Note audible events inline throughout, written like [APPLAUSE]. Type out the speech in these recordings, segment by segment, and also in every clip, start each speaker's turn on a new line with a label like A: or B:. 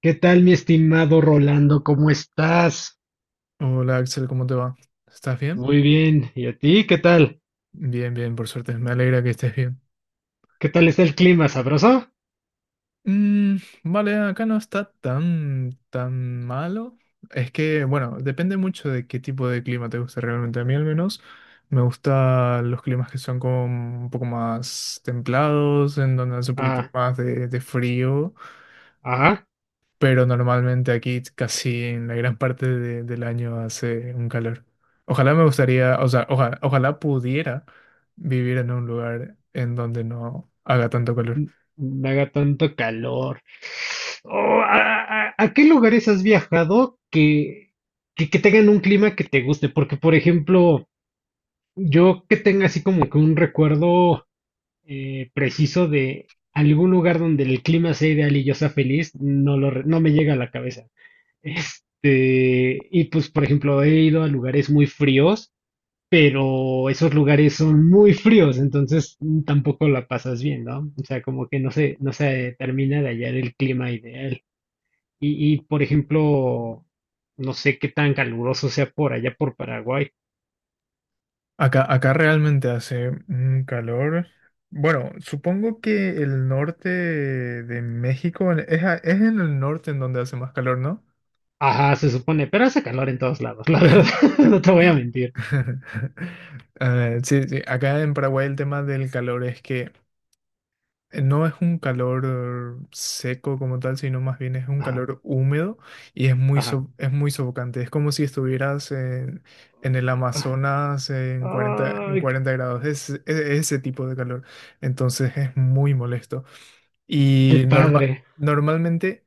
A: ¿Qué tal, mi estimado Rolando? ¿Cómo estás?
B: Hola Axel, ¿cómo te va? ¿Estás bien?
A: Muy bien. ¿Y a ti? ¿Qué tal?
B: Bien, por suerte. Me alegra que estés bien.
A: ¿Qué tal está el clima? ¿Sabroso?
B: Mm, vale, acá no está tan malo. Es que, bueno, depende mucho de qué tipo de clima te gusta realmente. A mí al menos me gustan los climas que son como un poco más templados, en donde hace un poquito
A: Ah,
B: más de frío.
A: ajá.
B: Pero normalmente aquí casi en la gran parte del año hace un calor. Ojalá me gustaría, o sea, ojalá pudiera vivir en un lugar en donde no haga tanto calor.
A: No haga tanto calor. Oh, ¿a qué lugares has que tengan un clima que te guste? Porque, por ejemplo, yo que tenga así como que un recuerdo preciso de algún lugar donde el clima sea ideal y yo sea feliz, no me llega a la cabeza. Este, y pues, por ejemplo, he ido a lugares muy fríos, pero esos lugares son muy fríos, entonces tampoco la pasas bien, ¿no? O sea, como que no se termina de hallar el clima ideal. Por ejemplo, no sé qué tan caluroso sea por allá por Paraguay.
B: Acá realmente hace un calor. Bueno, supongo que el norte de México es, es en el norte en donde hace más calor, ¿no?
A: Ajá, se supone, pero hace calor en todos lados, la verdad, [LAUGHS] no te voy a mentir.
B: [LAUGHS] Sí, sí, acá en Paraguay el tema del calor es que no es un calor seco como tal, sino más bien es un
A: Ajá,
B: calor húmedo y es
A: ajá.
B: es muy sofocante. Es como si estuvieras en el Amazonas en
A: Ay,
B: 40 grados. Ese tipo de calor. Entonces es muy molesto.
A: qué
B: Y
A: padre.
B: normalmente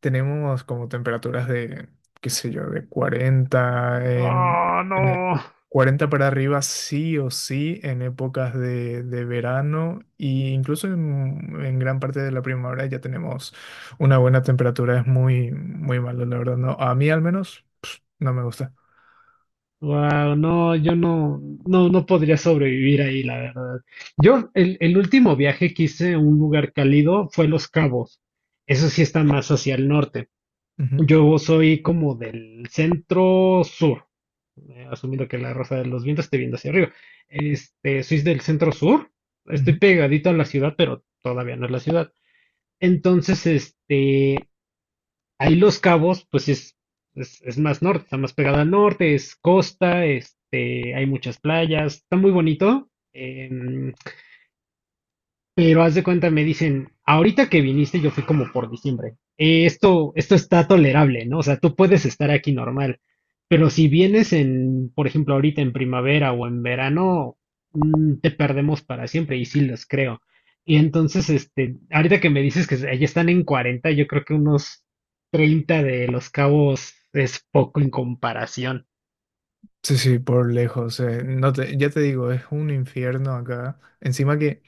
B: tenemos como temperaturas de, qué sé yo, de 40
A: Oh,
B: en e-
A: no.
B: 40 para arriba sí o sí en épocas de verano e incluso en gran parte de la primavera ya tenemos una buena temperatura. Es muy malo, la verdad. No, a mí al menos pf, no me gusta.
A: Wow, no, no podría sobrevivir ahí, la verdad. Yo, el último viaje que hice a un lugar cálido fue Los Cabos. Eso sí está más hacia el norte.
B: Ujú,
A: Yo soy como del centro sur, asumiendo que la rosa de los vientos esté viendo hacia arriba. Este, soy del centro sur, estoy
B: ujú.
A: pegadito a la ciudad, pero todavía no es la ciudad. Entonces, este, ahí Los Cabos, es más norte, está más pegado al norte, es costa, este, hay muchas playas, está muy bonito. Em, pero haz de cuenta, me dicen, ahorita que viniste, yo fui como por diciembre. Esto está tolerable, ¿no? O sea, tú puedes estar aquí normal, pero si vienes en, por ejemplo, ahorita en primavera o en verano, te perdemos para siempre, y sí los creo. Y entonces, este, ahorita que me dices que allá están en 40, yo creo que unos 30 de Los Cabos es poco en comparación.
B: Sí, sí, por lejos. No te- ya te digo, es un infierno acá. Encima que...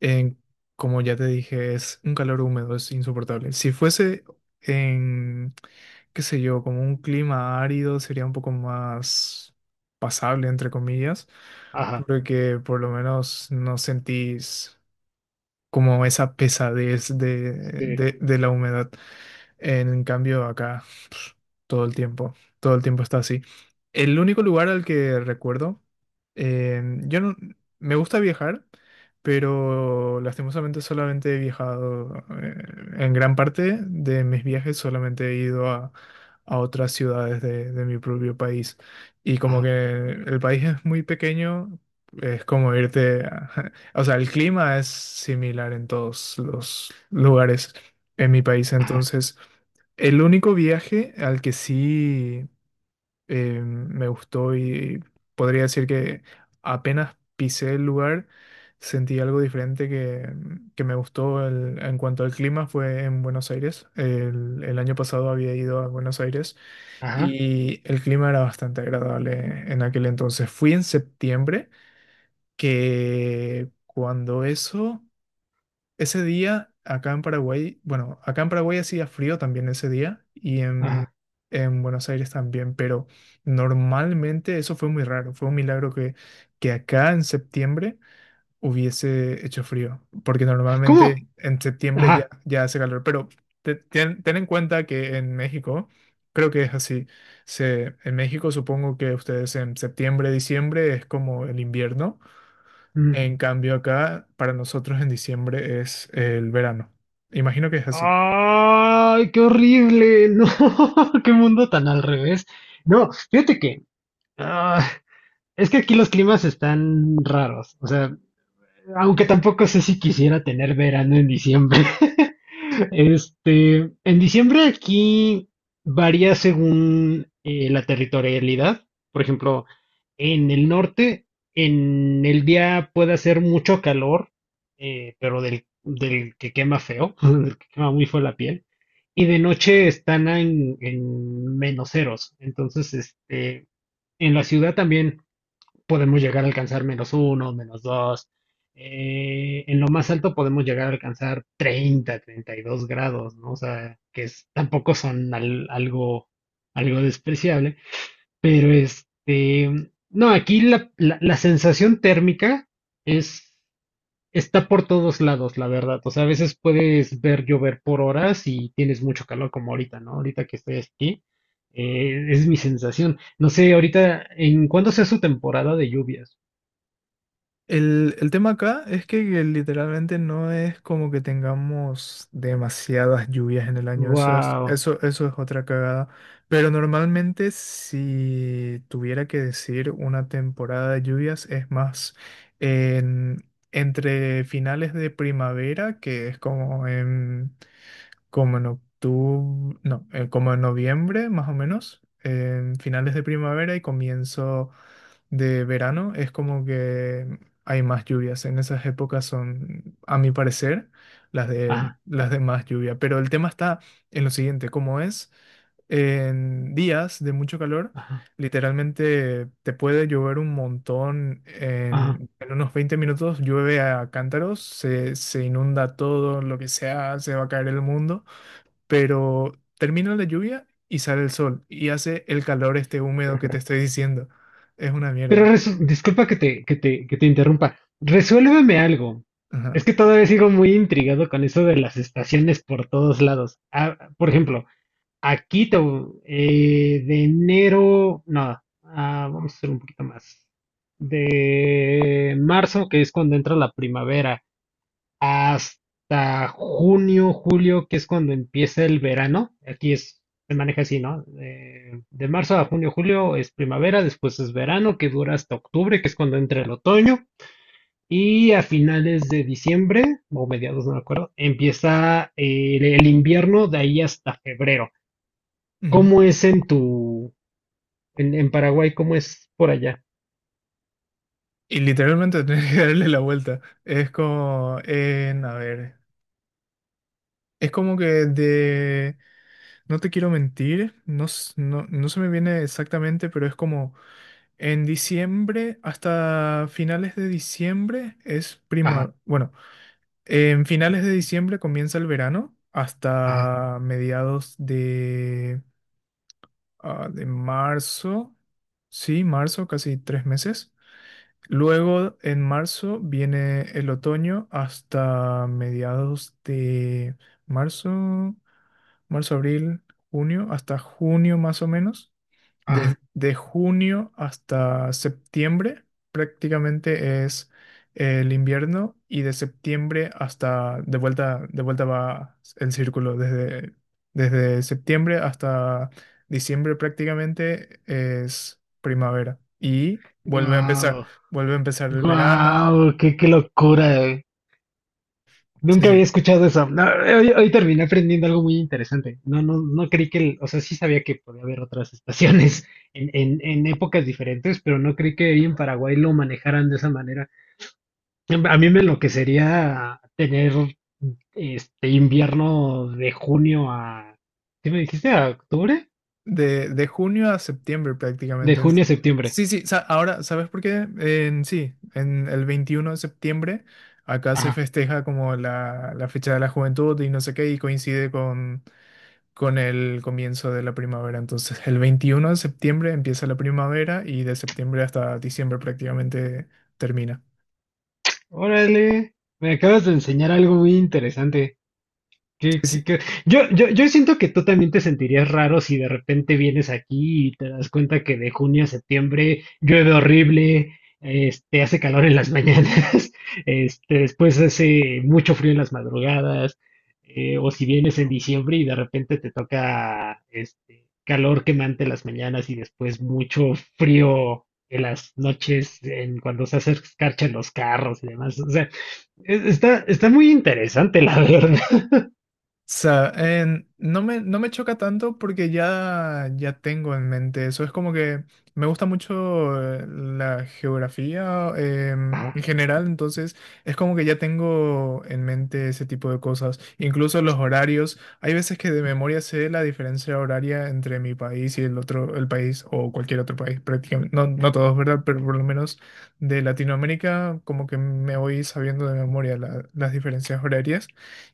B: en- como ya te dije, es un calor húmedo, es insoportable. Si fuese en, qué sé yo, como un clima árido, sería un poco más pasable, entre comillas,
A: Ajá.
B: porque por lo menos no sentís como esa pesadez de,
A: Sí.
B: de de la humedad. En cambio, acá pf, todo el tiempo, todo el tiempo está así. El único lugar al que recuerdo, yo no, me gusta viajar, pero lastimosamente solamente he viajado, eh, en gran parte de mis viajes solamente he ido a otras ciudades de mi propio país. Y como que
A: Ajá,
B: el país es muy pequeño, es como [LAUGHS] O sea, el clima es similar en todos los lugares en mi país.
A: ajá,
B: Entonces, el único viaje al que sí me gustó y podría decir que apenas pisé el lugar, sentí algo diferente que me gustó en cuanto al clima fue en Buenos Aires. El año pasado había ido a Buenos Aires
A: ajá,
B: y el clima era bastante agradable en aquel entonces. Fui en septiembre, que cuando eso... Ese día, acá en Paraguay, bueno, acá en Paraguay hacía frío también ese día y
A: ajá.
B: en Buenos Aires también, pero normalmente eso fue muy raro, fue un milagro que acá en septiembre hubiese hecho frío, porque
A: ¿Cómo?
B: normalmente en septiembre
A: Ajá.
B: ya hace calor, pero ten en cuenta que en México, creo que es así, se, en México supongo que ustedes en septiembre, diciembre es como el invierno.
A: Mm.
B: En cambio, acá para nosotros en diciembre es el verano. Imagino que es así.
A: Ay, qué horrible. No, [LAUGHS] qué mundo tan al revés. No, fíjate que ah, es que aquí los climas están raros. O sea, aunque tampoco sé si quisiera tener verano en diciembre. [LAUGHS] Este, en diciembre aquí varía según la territorialidad. Por ejemplo, en el norte, en el día puede hacer mucho calor, pero del que quema feo, [LAUGHS] del que quema muy feo la piel. Y de noche están en menos ceros. Entonces, este, en la ciudad también podemos llegar a alcanzar menos uno, menos dos. En lo más alto podemos llegar a alcanzar treinta treinta y dos grados, ¿no? O sea, que es- tampoco son al- algo, algo despreciable, pero este, no, aquí la sensación térmica es, está por todos lados, la verdad. O sea, a veces puedes ver llover por horas y tienes mucho calor como ahorita, ¿no? Ahorita que estoy aquí, es mi sensación. No sé, ahorita, ¿en cuándo sea su temporada de lluvias?
B: El tema acá es que literalmente no es como que tengamos demasiadas lluvias en el año. Eso es,
A: Wow.
B: eso es otra cagada. Pero normalmente si tuviera que decir una temporada de lluvias es más en- entre finales de primavera, que es como en como en octubre, no, como en noviembre más o menos, en finales de primavera y comienzo de verano, es como que hay más lluvias. En esas épocas son, a mi parecer,
A: Ajá,
B: las de más lluvia. Pero el tema está en lo siguiente, como es en días de mucho calor,
A: ajá,
B: literalmente te puede llover un montón.
A: ajá.
B: En unos 20 minutos llueve a cántaros, se inunda todo, lo que sea, se va a caer el mundo, pero termina la lluvia y sale el sol y hace el calor este húmedo que te estoy diciendo. Es una
A: Pero
B: mierda.
A: resu- disculpa que te interrumpa. Resuélveme algo.
B: Ajá.
A: Es que todavía sigo muy intrigado con eso de las estaciones por todos lados. Ah, por ejemplo, aquí te- de enero, no, ah, vamos a hacer un poquito más. De marzo, que es cuando entra la primavera, hasta junio, julio, que es cuando empieza el verano. Aquí es, se maneja así, ¿no? De marzo a junio, julio es primavera, después es verano, que dura hasta octubre, que es cuando entra el otoño. Y a finales de diciembre, o mediados, no me acuerdo, empieza el invierno de ahí hasta febrero.
B: Ujú.
A: ¿Cómo es en tu, en Paraguay, cómo es por allá?
B: Y literalmente [LAUGHS] tenés que darle la vuelta. Es como, en, a ver, es como que de, no te quiero mentir, no se me viene exactamente, pero es como en diciembre hasta finales de diciembre es
A: Ajá,
B: prima, bueno, en finales de diciembre comienza el verano
A: ajá,
B: hasta mediados de marzo, sí, marzo, casi tres meses. Luego en marzo viene el otoño hasta mediados de marzo, marzo, abril, junio, hasta junio más o menos.
A: ajá.
B: Desde junio hasta septiembre prácticamente es el invierno y de septiembre hasta de vuelta va el círculo. Desde septiembre hasta diciembre prácticamente es primavera y
A: Wow,
B: vuelve a empezar el verano.
A: wow, qué locura.
B: Sí,
A: Nunca
B: sí,
A: había escuchado eso. No, hoy, hoy terminé aprendiendo algo muy interesante. No creí que, el- o sea, sí sabía que podía haber otras estaciones [LAUGHS] en épocas diferentes, pero no creí que ahí en Paraguay lo manejaran de esa manera. A mí me enloquecería tener este invierno de ¿qué me dijiste? ¿A octubre?
B: de junio a septiembre
A: De
B: prácticamente. En...
A: junio a septiembre.
B: Sí, sí, ahora, ¿sabes por qué? En, sí, en el 21 de septiembre acá se
A: Ajá.
B: festeja como la fecha de la juventud y no sé qué, y coincide con el comienzo de la primavera. Entonces, el 21 de septiembre empieza la primavera y de septiembre hasta diciembre prácticamente termina.
A: Órale, me acabas de enseñar algo muy interesante. Qué- qué- qué- Yo siento que tú también te sentirías raro si de repente vienes aquí y te das cuenta que de junio a septiembre llueve horrible, este, hace calor en las mañanas, [LAUGHS] este, después hace mucho frío en las madrugadas, o si vienes en diciembre y de repente te toca este, calor quemante en las mañanas y después mucho frío en las noches, en cuando se hace escarcha en los carros y demás. O sea, es- está, está muy interesante, la [LAUGHS] verdad.
B: Sea, no me choca tanto porque ya tengo en mente eso. Es como que me gusta mucho la geografía en
A: Ah,
B: general, entonces es como que ya tengo en mente ese tipo de cosas. Incluso los horarios. Hay veces que de memoria sé la diferencia horaria entre mi país y el otro, el país o cualquier otro país, prácticamente. No, no todos, ¿verdad? Pero por lo menos de Latinoamérica, como que me voy sabiendo de memoria las diferencias horarias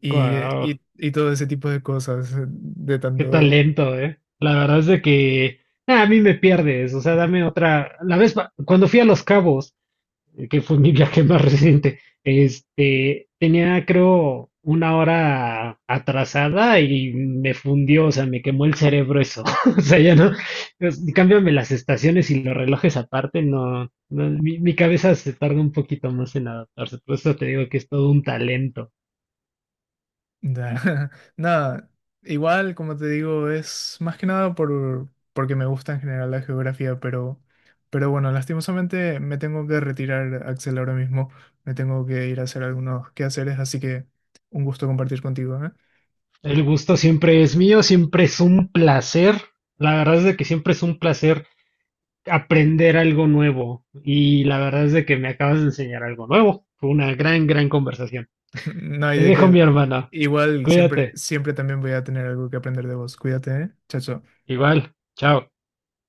B: y,
A: guau,
B: y todo ese tipo de cosas, de
A: qué
B: tanto...
A: talento, ¿eh? La verdad es de que ah, a mí me pierdes, o sea, dame otra. La vez pa- cuando fui a Los Cabos, que fue mi viaje [LAUGHS] más reciente, este, tenía creo una hora atrasada y me fundió, o sea, me quemó el cerebro eso. [LAUGHS] O sea, ya no, pues, cámbiame las estaciones y los relojes aparte, no, no, mi cabeza se tarda un poquito más en adaptarse, por eso te digo que es todo un talento.
B: Da- [LAUGHS] Nada, igual, como te digo, es más que nada por, porque me gusta en general la geografía, pero bueno, lastimosamente me tengo que retirar, Axel, ahora mismo. Me tengo que ir a hacer algunos quehaceres, así que un gusto compartir contigo, ¿eh?
A: El gusto siempre es mío, siempre es un placer. La verdad es de que siempre es un placer aprender algo nuevo. Y la verdad es de que me acabas de enseñar algo nuevo. Fue una gran conversación.
B: [LAUGHS] No hay
A: Te
B: de
A: dejo
B: qué.
A: mi hermana.
B: Igual, siempre,
A: Cuídate.
B: siempre también voy a tener algo que aprender de vos. Cuídate, ¿eh? Chao, chao.
A: Igual. Chao.